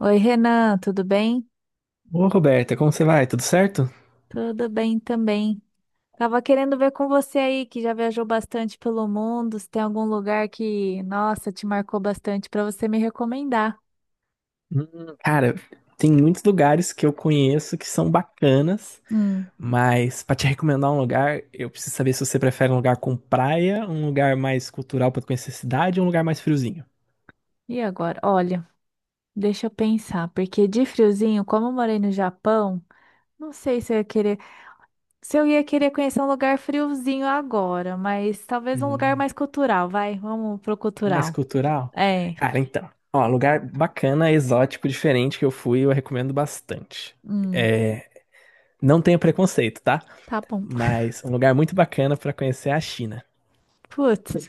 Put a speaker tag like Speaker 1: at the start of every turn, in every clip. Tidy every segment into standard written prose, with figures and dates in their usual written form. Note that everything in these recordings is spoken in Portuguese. Speaker 1: Oi, Renan, tudo bem?
Speaker 2: Ô, Roberta, como você vai? Tudo certo?
Speaker 1: Tudo bem também. Tava querendo ver com você aí, que já viajou bastante pelo mundo, se tem algum lugar que, nossa, te marcou bastante para você me recomendar.
Speaker 2: Cara, tem muitos lugares que eu conheço que são bacanas,
Speaker 1: Hum,
Speaker 2: mas pra te recomendar um lugar, eu preciso saber se você prefere um lugar com praia, um lugar mais cultural pra conhecer a cidade, ou um lugar mais friozinho.
Speaker 1: e agora? Olha, deixa eu pensar, porque de friozinho, como eu morei no Japão, não sei se eu ia querer, se eu ia querer conhecer um lugar friozinho agora, mas talvez um lugar
Speaker 2: Hum.
Speaker 1: mais cultural, vai, vamos pro
Speaker 2: Mais
Speaker 1: cultural.
Speaker 2: cultural?
Speaker 1: É,
Speaker 2: Cara, então. Ó, lugar bacana, exótico, diferente que eu fui, eu recomendo bastante.
Speaker 1: hum,
Speaker 2: É, não tenho preconceito, tá?
Speaker 1: tá bom.
Speaker 2: Mas um lugar muito bacana pra conhecer é a China.
Speaker 1: Putz,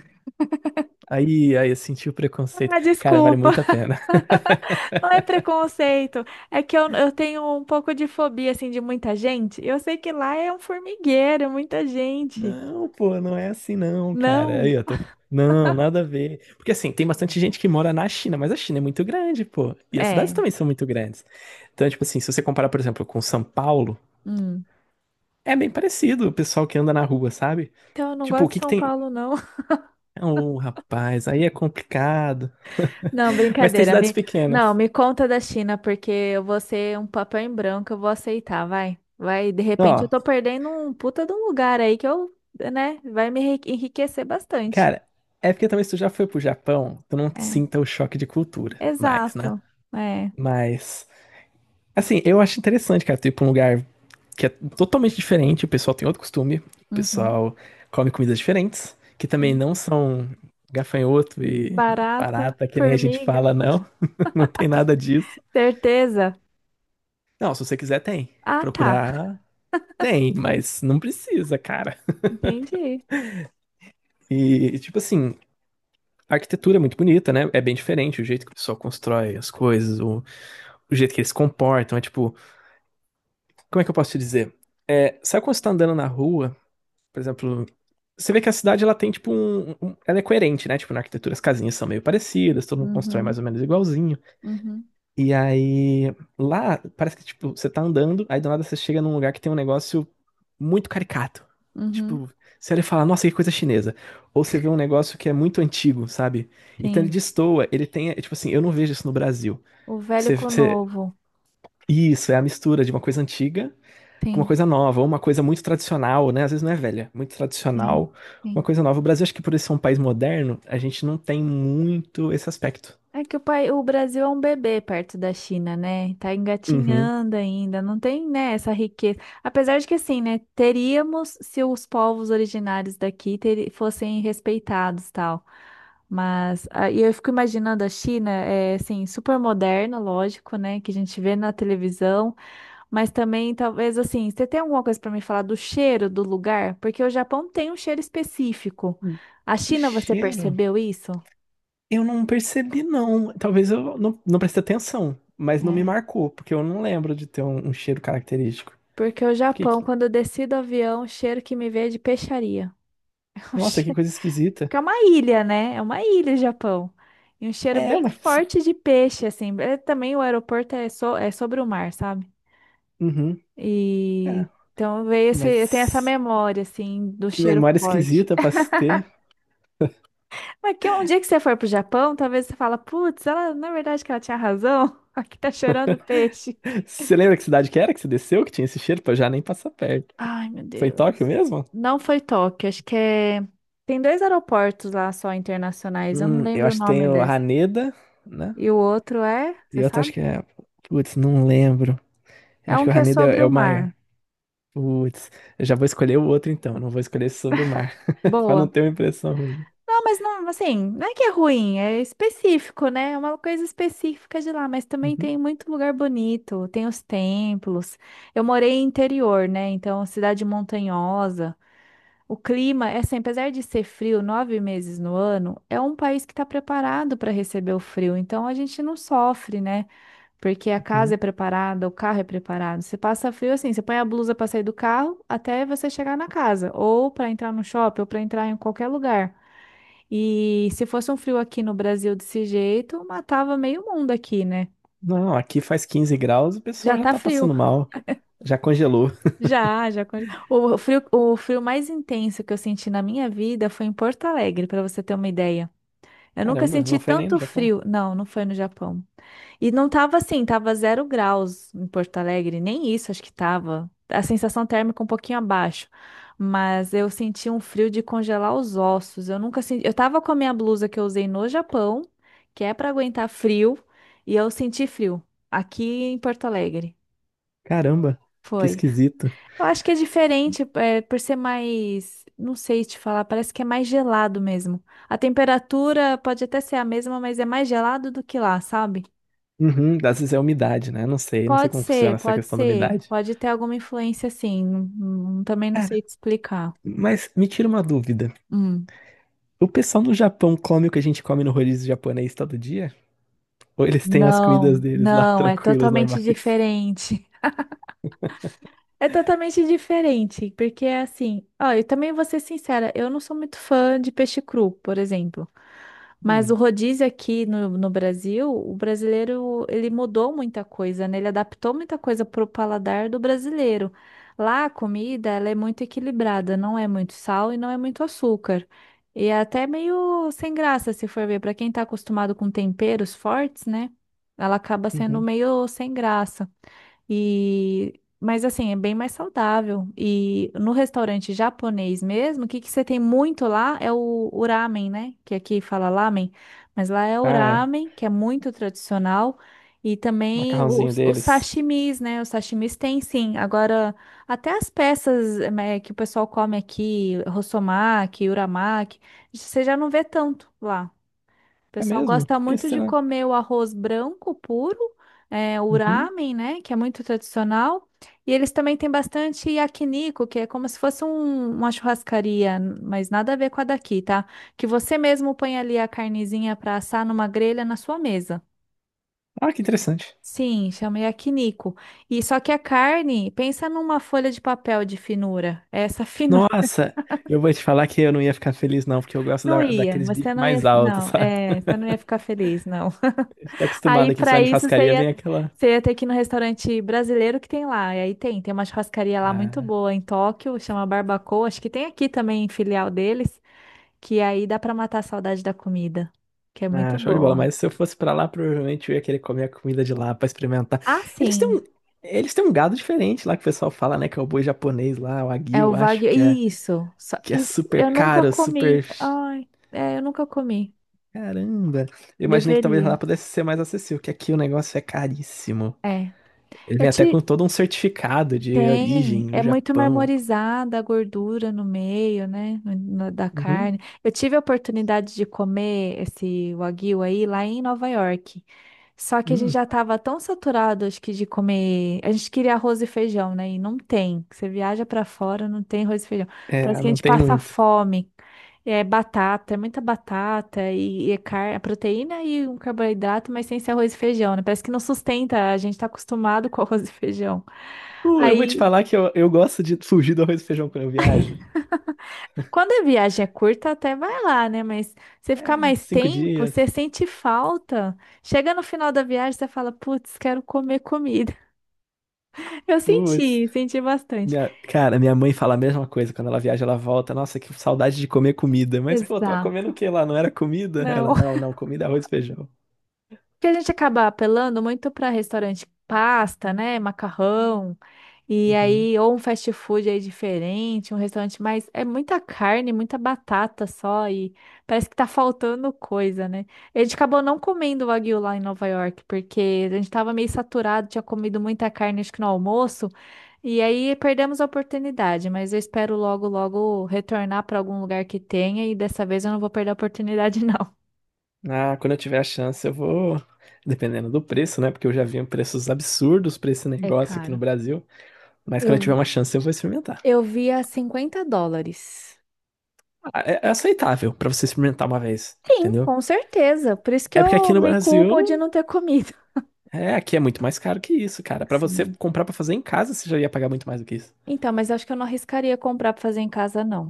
Speaker 2: Aí eu senti o preconceito.
Speaker 1: ah,
Speaker 2: Cara, vale
Speaker 1: desculpa.
Speaker 2: muito a pena.
Speaker 1: Não é preconceito, é que eu tenho um pouco de fobia, assim, de muita gente. Eu sei que lá é um formigueiro, é muita gente.
Speaker 2: Não, pô, não é assim não, cara. Aí
Speaker 1: Não,
Speaker 2: eu tô... Não, nada a ver. Porque assim, tem bastante gente que mora na China, mas a China é muito grande, pô. E as cidades
Speaker 1: é.
Speaker 2: também são muito grandes. Então, tipo assim, se você comparar, por exemplo, com São Paulo,
Speaker 1: Hum.
Speaker 2: é bem parecido o pessoal que anda na rua, sabe?
Speaker 1: Então, eu não
Speaker 2: Tipo, o
Speaker 1: gosto de
Speaker 2: que que
Speaker 1: São
Speaker 2: tem.
Speaker 1: Paulo, não.
Speaker 2: Então, ô, rapaz, aí é complicado.
Speaker 1: Não,
Speaker 2: Mas tem
Speaker 1: brincadeira.
Speaker 2: cidades
Speaker 1: Me, não,
Speaker 2: pequenas.
Speaker 1: me conta da China, porque eu vou ser um papel em branco, eu vou aceitar, vai. Vai, de repente eu
Speaker 2: Ó,
Speaker 1: tô perdendo um puta de um lugar aí que eu, né, vai me enriquecer bastante.
Speaker 2: cara, é porque talvez tu já foi pro Japão, tu não
Speaker 1: É,
Speaker 2: sinta o choque de cultura mais, né?
Speaker 1: exato. É.
Speaker 2: Mas, assim, eu acho interessante, cara, tu ir pra um lugar que é totalmente diferente, o pessoal tem outro costume, o
Speaker 1: Uhum,
Speaker 2: pessoal come comidas diferentes, que também
Speaker 1: sim.
Speaker 2: não são gafanhoto e
Speaker 1: Barata,
Speaker 2: barata, que nem a gente
Speaker 1: formiga,
Speaker 2: fala, não. Não tem nada disso.
Speaker 1: certeza.
Speaker 2: Não, se você quiser, tem.
Speaker 1: Ah, tá.
Speaker 2: Procurar, tem, mas não precisa, cara.
Speaker 1: Entendi.
Speaker 2: E, tipo assim, a arquitetura é muito bonita, né? É bem diferente o jeito que o pessoal constrói as coisas, o jeito que eles se comportam. É tipo, como é que eu posso te dizer? É, sabe quando você tá andando na rua, por exemplo, você vê que a cidade ela tem tipo um. Ela é coerente, né? Tipo, na arquitetura as casinhas são meio parecidas, todo mundo constrói mais
Speaker 1: Uhum,
Speaker 2: ou menos igualzinho.
Speaker 1: uhum,
Speaker 2: E aí, lá, parece que, tipo, você tá andando, aí do nada você chega num lugar que tem um negócio muito caricato.
Speaker 1: uhum.
Speaker 2: Tipo, você olha e fala, nossa, que coisa chinesa. Ou você vê um negócio que é muito antigo, sabe? Então ele
Speaker 1: Sim.
Speaker 2: destoa, ele tem, é, tipo assim, eu não vejo isso no Brasil.
Speaker 1: O velho
Speaker 2: Você,
Speaker 1: com o
Speaker 2: você-
Speaker 1: novo.
Speaker 2: Isso, é a mistura de uma coisa antiga com uma
Speaker 1: Sim,
Speaker 2: coisa nova, ou uma coisa muito tradicional, né? Às vezes não é velha, muito
Speaker 1: sim,
Speaker 2: tradicional, uma
Speaker 1: sim.
Speaker 2: coisa nova. O Brasil, acho que por ele ser um país moderno, a gente não tem muito esse aspecto.
Speaker 1: É que o pai, o Brasil é um bebê perto da China, né? Tá
Speaker 2: Uhum.
Speaker 1: engatinhando ainda, não tem, né, essa riqueza. Apesar de que assim, né, teríamos se os povos originários daqui fossem respeitados, tal. Mas ah, e eu fico imaginando a China, é assim, super moderna, lógico, né, que a gente vê na televisão. Mas também, talvez assim, você tem alguma coisa para me falar do cheiro do lugar? Porque o Japão tem um cheiro específico. A
Speaker 2: O
Speaker 1: China, você
Speaker 2: cheiro?
Speaker 1: percebeu isso?
Speaker 2: Eu não percebi, não. Talvez eu não prestei atenção, mas não me
Speaker 1: É.
Speaker 2: marcou, porque eu não lembro de ter um cheiro característico.
Speaker 1: Porque o
Speaker 2: Que.
Speaker 1: Japão, quando eu desci do avião, o cheiro que me veio é de peixaria. É um
Speaker 2: Nossa, que
Speaker 1: cheiro-
Speaker 2: coisa esquisita.
Speaker 1: Porque é uma ilha, né? É uma ilha, o Japão. E um cheiro
Speaker 2: É,
Speaker 1: bem
Speaker 2: mas.
Speaker 1: forte de peixe, assim. É, também o aeroporto é, é sobre o mar, sabe?
Speaker 2: Uhum. É,
Speaker 1: E então veio esse, eu tenho essa
Speaker 2: mas.
Speaker 1: memória, assim, do
Speaker 2: Que
Speaker 1: cheiro
Speaker 2: memória
Speaker 1: forte.
Speaker 2: esquisita pra se ter.
Speaker 1: Mas que um dia que você for pro Japão, talvez você fala, putz, ela, na verdade que ela tinha razão. Aqui tá chorando peixe.
Speaker 2: Você lembra que cidade que era que você desceu, que tinha esse cheiro? Pra eu já nem passar perto.
Speaker 1: Ai, meu
Speaker 2: Foi em Tóquio
Speaker 1: Deus.
Speaker 2: mesmo?
Speaker 1: Não foi Tóquio, acho que é. Tem dois aeroportos lá só internacionais, eu não
Speaker 2: Eu
Speaker 1: lembro o
Speaker 2: acho que tem
Speaker 1: nome
Speaker 2: o
Speaker 1: desse.
Speaker 2: Haneda, né?
Speaker 1: E o outro é, você
Speaker 2: E outro acho
Speaker 1: sabe?
Speaker 2: que é. Putz, não lembro. Eu
Speaker 1: É
Speaker 2: acho
Speaker 1: um
Speaker 2: que o
Speaker 1: que é
Speaker 2: Haneda é,
Speaker 1: sobre
Speaker 2: é
Speaker 1: o
Speaker 2: o maior.
Speaker 1: mar.
Speaker 2: Putz, eu já vou escolher o outro então, não vou escolher esse sobre o mar, pra não
Speaker 1: Boa.
Speaker 2: ter uma impressão ruim.
Speaker 1: Não, mas não, assim, não é que é ruim, é específico, né? É uma coisa específica de lá, mas também
Speaker 2: Uhum,
Speaker 1: tem muito lugar bonito, tem os templos. Eu morei em interior, né? Então, cidade montanhosa. O clima, é assim, apesar de ser frio nove meses no ano, é um país que está preparado para receber o frio. Então a gente não sofre, né? Porque a
Speaker 2: uhum.
Speaker 1: casa é preparada, o carro é preparado. Você passa frio assim, você põe a blusa para sair do carro até você chegar na casa, ou para entrar no shopping, ou para entrar em qualquer lugar. E se fosse um frio aqui no Brasil desse jeito, matava meio mundo aqui, né?
Speaker 2: Não, aqui faz 15 graus, o pessoal
Speaker 1: Já
Speaker 2: já
Speaker 1: tá
Speaker 2: tá
Speaker 1: frio.
Speaker 2: passando mal, já congelou.
Speaker 1: Já, já. O frio mais intenso que eu senti na minha vida foi em Porto Alegre, para você ter uma ideia. Eu nunca
Speaker 2: Caramba,
Speaker 1: senti
Speaker 2: não foi nem no
Speaker 1: tanto
Speaker 2: Japão.
Speaker 1: frio. Não, foi no Japão. E não tava assim, tava zero graus em Porto Alegre, nem isso acho que tava. A sensação térmica um pouquinho abaixo. Mas eu senti um frio de congelar os ossos. Eu nunca senti. Eu tava com a minha blusa que eu usei no Japão, que é pra aguentar frio, e eu senti frio aqui em Porto Alegre.
Speaker 2: Caramba, que
Speaker 1: Foi.
Speaker 2: esquisito.
Speaker 1: Eu acho que é diferente, é, por ser mais, não sei te falar, parece que é mais gelado mesmo. A temperatura pode até ser a mesma, mas é mais gelado do que lá, sabe?
Speaker 2: Uhum, às vezes é umidade, né? Não sei
Speaker 1: Pode
Speaker 2: como
Speaker 1: ser,
Speaker 2: funciona essa
Speaker 1: pode
Speaker 2: questão da
Speaker 1: ser,
Speaker 2: umidade.
Speaker 1: pode ter alguma influência assim. Também não
Speaker 2: Cara,
Speaker 1: sei te explicar.
Speaker 2: mas me tira uma dúvida.
Speaker 1: Hum.
Speaker 2: O pessoal no Japão come o que a gente come no rodízio japonês todo dia? Ou eles têm as comidas
Speaker 1: Não,
Speaker 2: deles lá
Speaker 1: não, é
Speaker 2: tranquilas,
Speaker 1: totalmente
Speaker 2: normais?
Speaker 1: diferente. É totalmente diferente, porque é assim, ó, eu também vou ser sincera, eu não sou muito fã de peixe cru, por exemplo. Mas o
Speaker 2: Hum,
Speaker 1: rodízio aqui no Brasil, o brasileiro, ele mudou muita coisa, né? Ele adaptou muita coisa pro paladar do brasileiro. Lá a comida, ela é muito equilibrada, não é muito sal e não é muito açúcar. E é até meio sem graça, se for ver, para quem tá acostumado com temperos fortes, né? Ela acaba sendo
Speaker 2: uhum.
Speaker 1: meio sem graça. E mas assim, é bem mais saudável. E no restaurante japonês mesmo, o que que você tem muito lá é o ramen, né? Que aqui fala lamen, mas lá é o
Speaker 2: Ah, é, o
Speaker 1: ramen, que é muito tradicional. E também
Speaker 2: macarrãozinho
Speaker 1: os
Speaker 2: deles.
Speaker 1: sashimis, né? Os sashimis tem sim. Agora, até as peças, né, que o pessoal come aqui, rossomaki, uramaki, você já não vê tanto lá. O
Speaker 2: É
Speaker 1: pessoal
Speaker 2: mesmo?
Speaker 1: gosta
Speaker 2: Que
Speaker 1: muito de
Speaker 2: será?
Speaker 1: comer o arroz branco puro, é, o
Speaker 2: Uhum.
Speaker 1: ramen, né, que é muito tradicional. E eles também têm bastante yakiniku, que é como se fosse uma churrascaria, mas nada a ver com a daqui, tá? Que você mesmo põe ali a carnezinha para assar numa grelha na sua mesa.
Speaker 2: Ah, que interessante.
Speaker 1: Sim, chama yakiniku. E só que a carne, pensa numa folha de papel de finura. Essa finura.
Speaker 2: Nossa, eu vou te falar que eu, não ia ficar feliz, não, porque eu gosto
Speaker 1: Não
Speaker 2: da,
Speaker 1: ia,
Speaker 2: daqueles
Speaker 1: você
Speaker 2: bifes
Speaker 1: não ia,
Speaker 2: mais altos,
Speaker 1: não,
Speaker 2: sabe?
Speaker 1: é, você não ia ficar feliz, não.
Speaker 2: A gente tá acostumado
Speaker 1: Aí,
Speaker 2: aqui, você
Speaker 1: pra
Speaker 2: vai na
Speaker 1: isso,
Speaker 2: churrascaria, vem aquela.
Speaker 1: você ia ter que ir no restaurante brasileiro que tem lá. E aí tem, tem uma churrascaria lá muito
Speaker 2: Ah,
Speaker 1: boa em Tóquio, chama Barbacoa. Acho que tem aqui também filial deles, que aí dá pra matar a saudade da comida, que é
Speaker 2: ah,
Speaker 1: muito
Speaker 2: show de bola.
Speaker 1: boa.
Speaker 2: Mas se eu fosse pra lá, provavelmente eu ia querer comer a comida de lá pra experimentar.
Speaker 1: Ah,
Speaker 2: Eles têm um,
Speaker 1: sim,
Speaker 2: eles têm um gado diferente lá que o pessoal fala, né? Que é o boi japonês lá, o
Speaker 1: é
Speaker 2: Wagyu,
Speaker 1: o
Speaker 2: eu acho
Speaker 1: Wagyu. Isso.
Speaker 2: que é super
Speaker 1: Eu nunca
Speaker 2: caro, super.
Speaker 1: comi. Ai, é, eu nunca comi.
Speaker 2: Caramba! Eu imaginei que talvez
Speaker 1: Deveria.
Speaker 2: lá pudesse ser mais acessível, que aqui o negócio é caríssimo.
Speaker 1: É.
Speaker 2: Ele
Speaker 1: Eu
Speaker 2: vem até
Speaker 1: te,
Speaker 2: com todo um certificado de origem
Speaker 1: tem, é
Speaker 2: do
Speaker 1: muito
Speaker 2: Japão.
Speaker 1: marmorizada a gordura no meio, né, da
Speaker 2: Uhum,
Speaker 1: carne. Eu tive a oportunidade de comer esse wagyu aí lá em Nova York. Só que a gente
Speaker 2: hum.
Speaker 1: já estava tão saturado, acho que de comer. A gente queria arroz e feijão, né? E não tem. Você viaja para fora, não tem arroz e feijão. Parece
Speaker 2: É,
Speaker 1: que a
Speaker 2: não
Speaker 1: gente
Speaker 2: tem
Speaker 1: passa
Speaker 2: muito.
Speaker 1: fome. É batata, é muita batata e proteína e um carboidrato, mas sem ser arroz e feijão, né? Parece que não sustenta, a gente tá acostumado com arroz e feijão.
Speaker 2: Eu vou te
Speaker 1: Aí,
Speaker 2: falar que eu gosto de fugir do arroz e feijão quando eu viajo.
Speaker 1: quando a viagem é curta, até vai lá, né? Mas você
Speaker 2: É,
Speaker 1: ficar
Speaker 2: uns
Speaker 1: mais
Speaker 2: cinco
Speaker 1: tempo,
Speaker 2: dias.
Speaker 1: você sente falta. Chega no final da viagem, você fala, putz, quero comer comida. Eu
Speaker 2: Putz.
Speaker 1: senti, senti bastante.
Speaker 2: Minha, cara, minha mãe fala a mesma coisa. Quando ela viaja, ela volta. Nossa, que saudade de comer comida. Mas, pô, tava comendo o
Speaker 1: Exato.
Speaker 2: quê lá? Não era comida? Ela,
Speaker 1: Não,
Speaker 2: não, comida é arroz e feijão.
Speaker 1: que a gente acaba apelando muito para restaurante pasta, né, macarrão, e
Speaker 2: Uhum.
Speaker 1: aí ou um fast food aí diferente, um restaurante mais é muita carne, muita batata só e parece que tá faltando coisa, né? A gente acabou não comendo wagyu lá em Nova York porque a gente tava meio saturado, tinha comido muita carne acho que no almoço. E aí perdemos a oportunidade, mas eu espero logo, logo retornar para algum lugar que tenha e dessa vez eu não vou perder a oportunidade, não.
Speaker 2: Ah, quando eu tiver a chance, eu vou. Dependendo do preço, né? Porque eu já vi preços absurdos pra esse
Speaker 1: É
Speaker 2: negócio aqui no
Speaker 1: caro.
Speaker 2: Brasil. Mas quando
Speaker 1: Eu
Speaker 2: eu tiver uma chance, eu vou experimentar.
Speaker 1: Eu vi a US$ 50.
Speaker 2: Ah, é é aceitável pra você experimentar uma vez,
Speaker 1: Sim,
Speaker 2: entendeu?
Speaker 1: com certeza. Por isso que
Speaker 2: É porque aqui
Speaker 1: eu
Speaker 2: no
Speaker 1: me
Speaker 2: Brasil,
Speaker 1: culpo de não ter comido.
Speaker 2: é, aqui é muito mais caro que isso, cara. Pra você
Speaker 1: Sim.
Speaker 2: comprar pra fazer em casa, você já ia pagar muito mais do que isso.
Speaker 1: Então, mas acho que eu não arriscaria comprar para fazer em casa, não.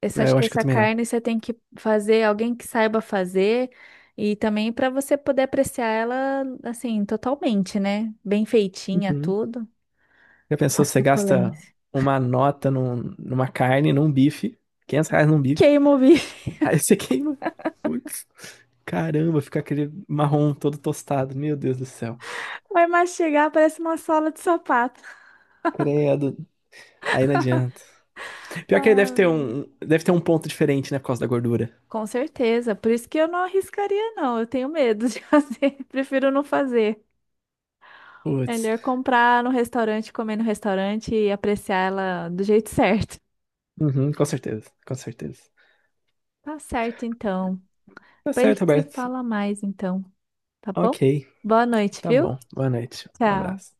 Speaker 1: Essa,
Speaker 2: É,
Speaker 1: acho
Speaker 2: eu
Speaker 1: que
Speaker 2: acho que eu
Speaker 1: essa
Speaker 2: também não.
Speaker 1: carne você tem que fazer, alguém que saiba fazer, e também para você poder apreciar ela, assim, totalmente, né? Bem feitinha,
Speaker 2: Uhum.
Speaker 1: tudo.
Speaker 2: Já
Speaker 1: A
Speaker 2: pensou, você gasta
Speaker 1: suculência.
Speaker 2: uma nota numa carne, num bife, R$ 500 num bife,
Speaker 1: Queima o bife.
Speaker 2: aí você queima. Putz, caramba, fica aquele marrom todo tostado, meu Deus do céu.
Speaker 1: Vai mastigar, parece uma sola de sapato.
Speaker 2: Credo, aí não adianta. Pior que aí deve
Speaker 1: Ah.
Speaker 2: ter um, deve ter um ponto diferente, né, por causa da gordura.
Speaker 1: Com certeza. Por isso que eu não arriscaria, não. Eu tenho medo de fazer. Prefiro não fazer.
Speaker 2: Putz,
Speaker 1: Melhor comprar no restaurante, comer no restaurante e apreciar ela do jeito certo.
Speaker 2: uhum, com certeza, com certeza.
Speaker 1: Tá certo, então.
Speaker 2: Tá
Speaker 1: Depois a
Speaker 2: certo,
Speaker 1: gente se
Speaker 2: Roberto.
Speaker 1: fala mais, então. Tá bom?
Speaker 2: Ok,
Speaker 1: Boa noite,
Speaker 2: tá
Speaker 1: viu?
Speaker 2: bom. Boa noite. Um
Speaker 1: Tchau.
Speaker 2: abraço.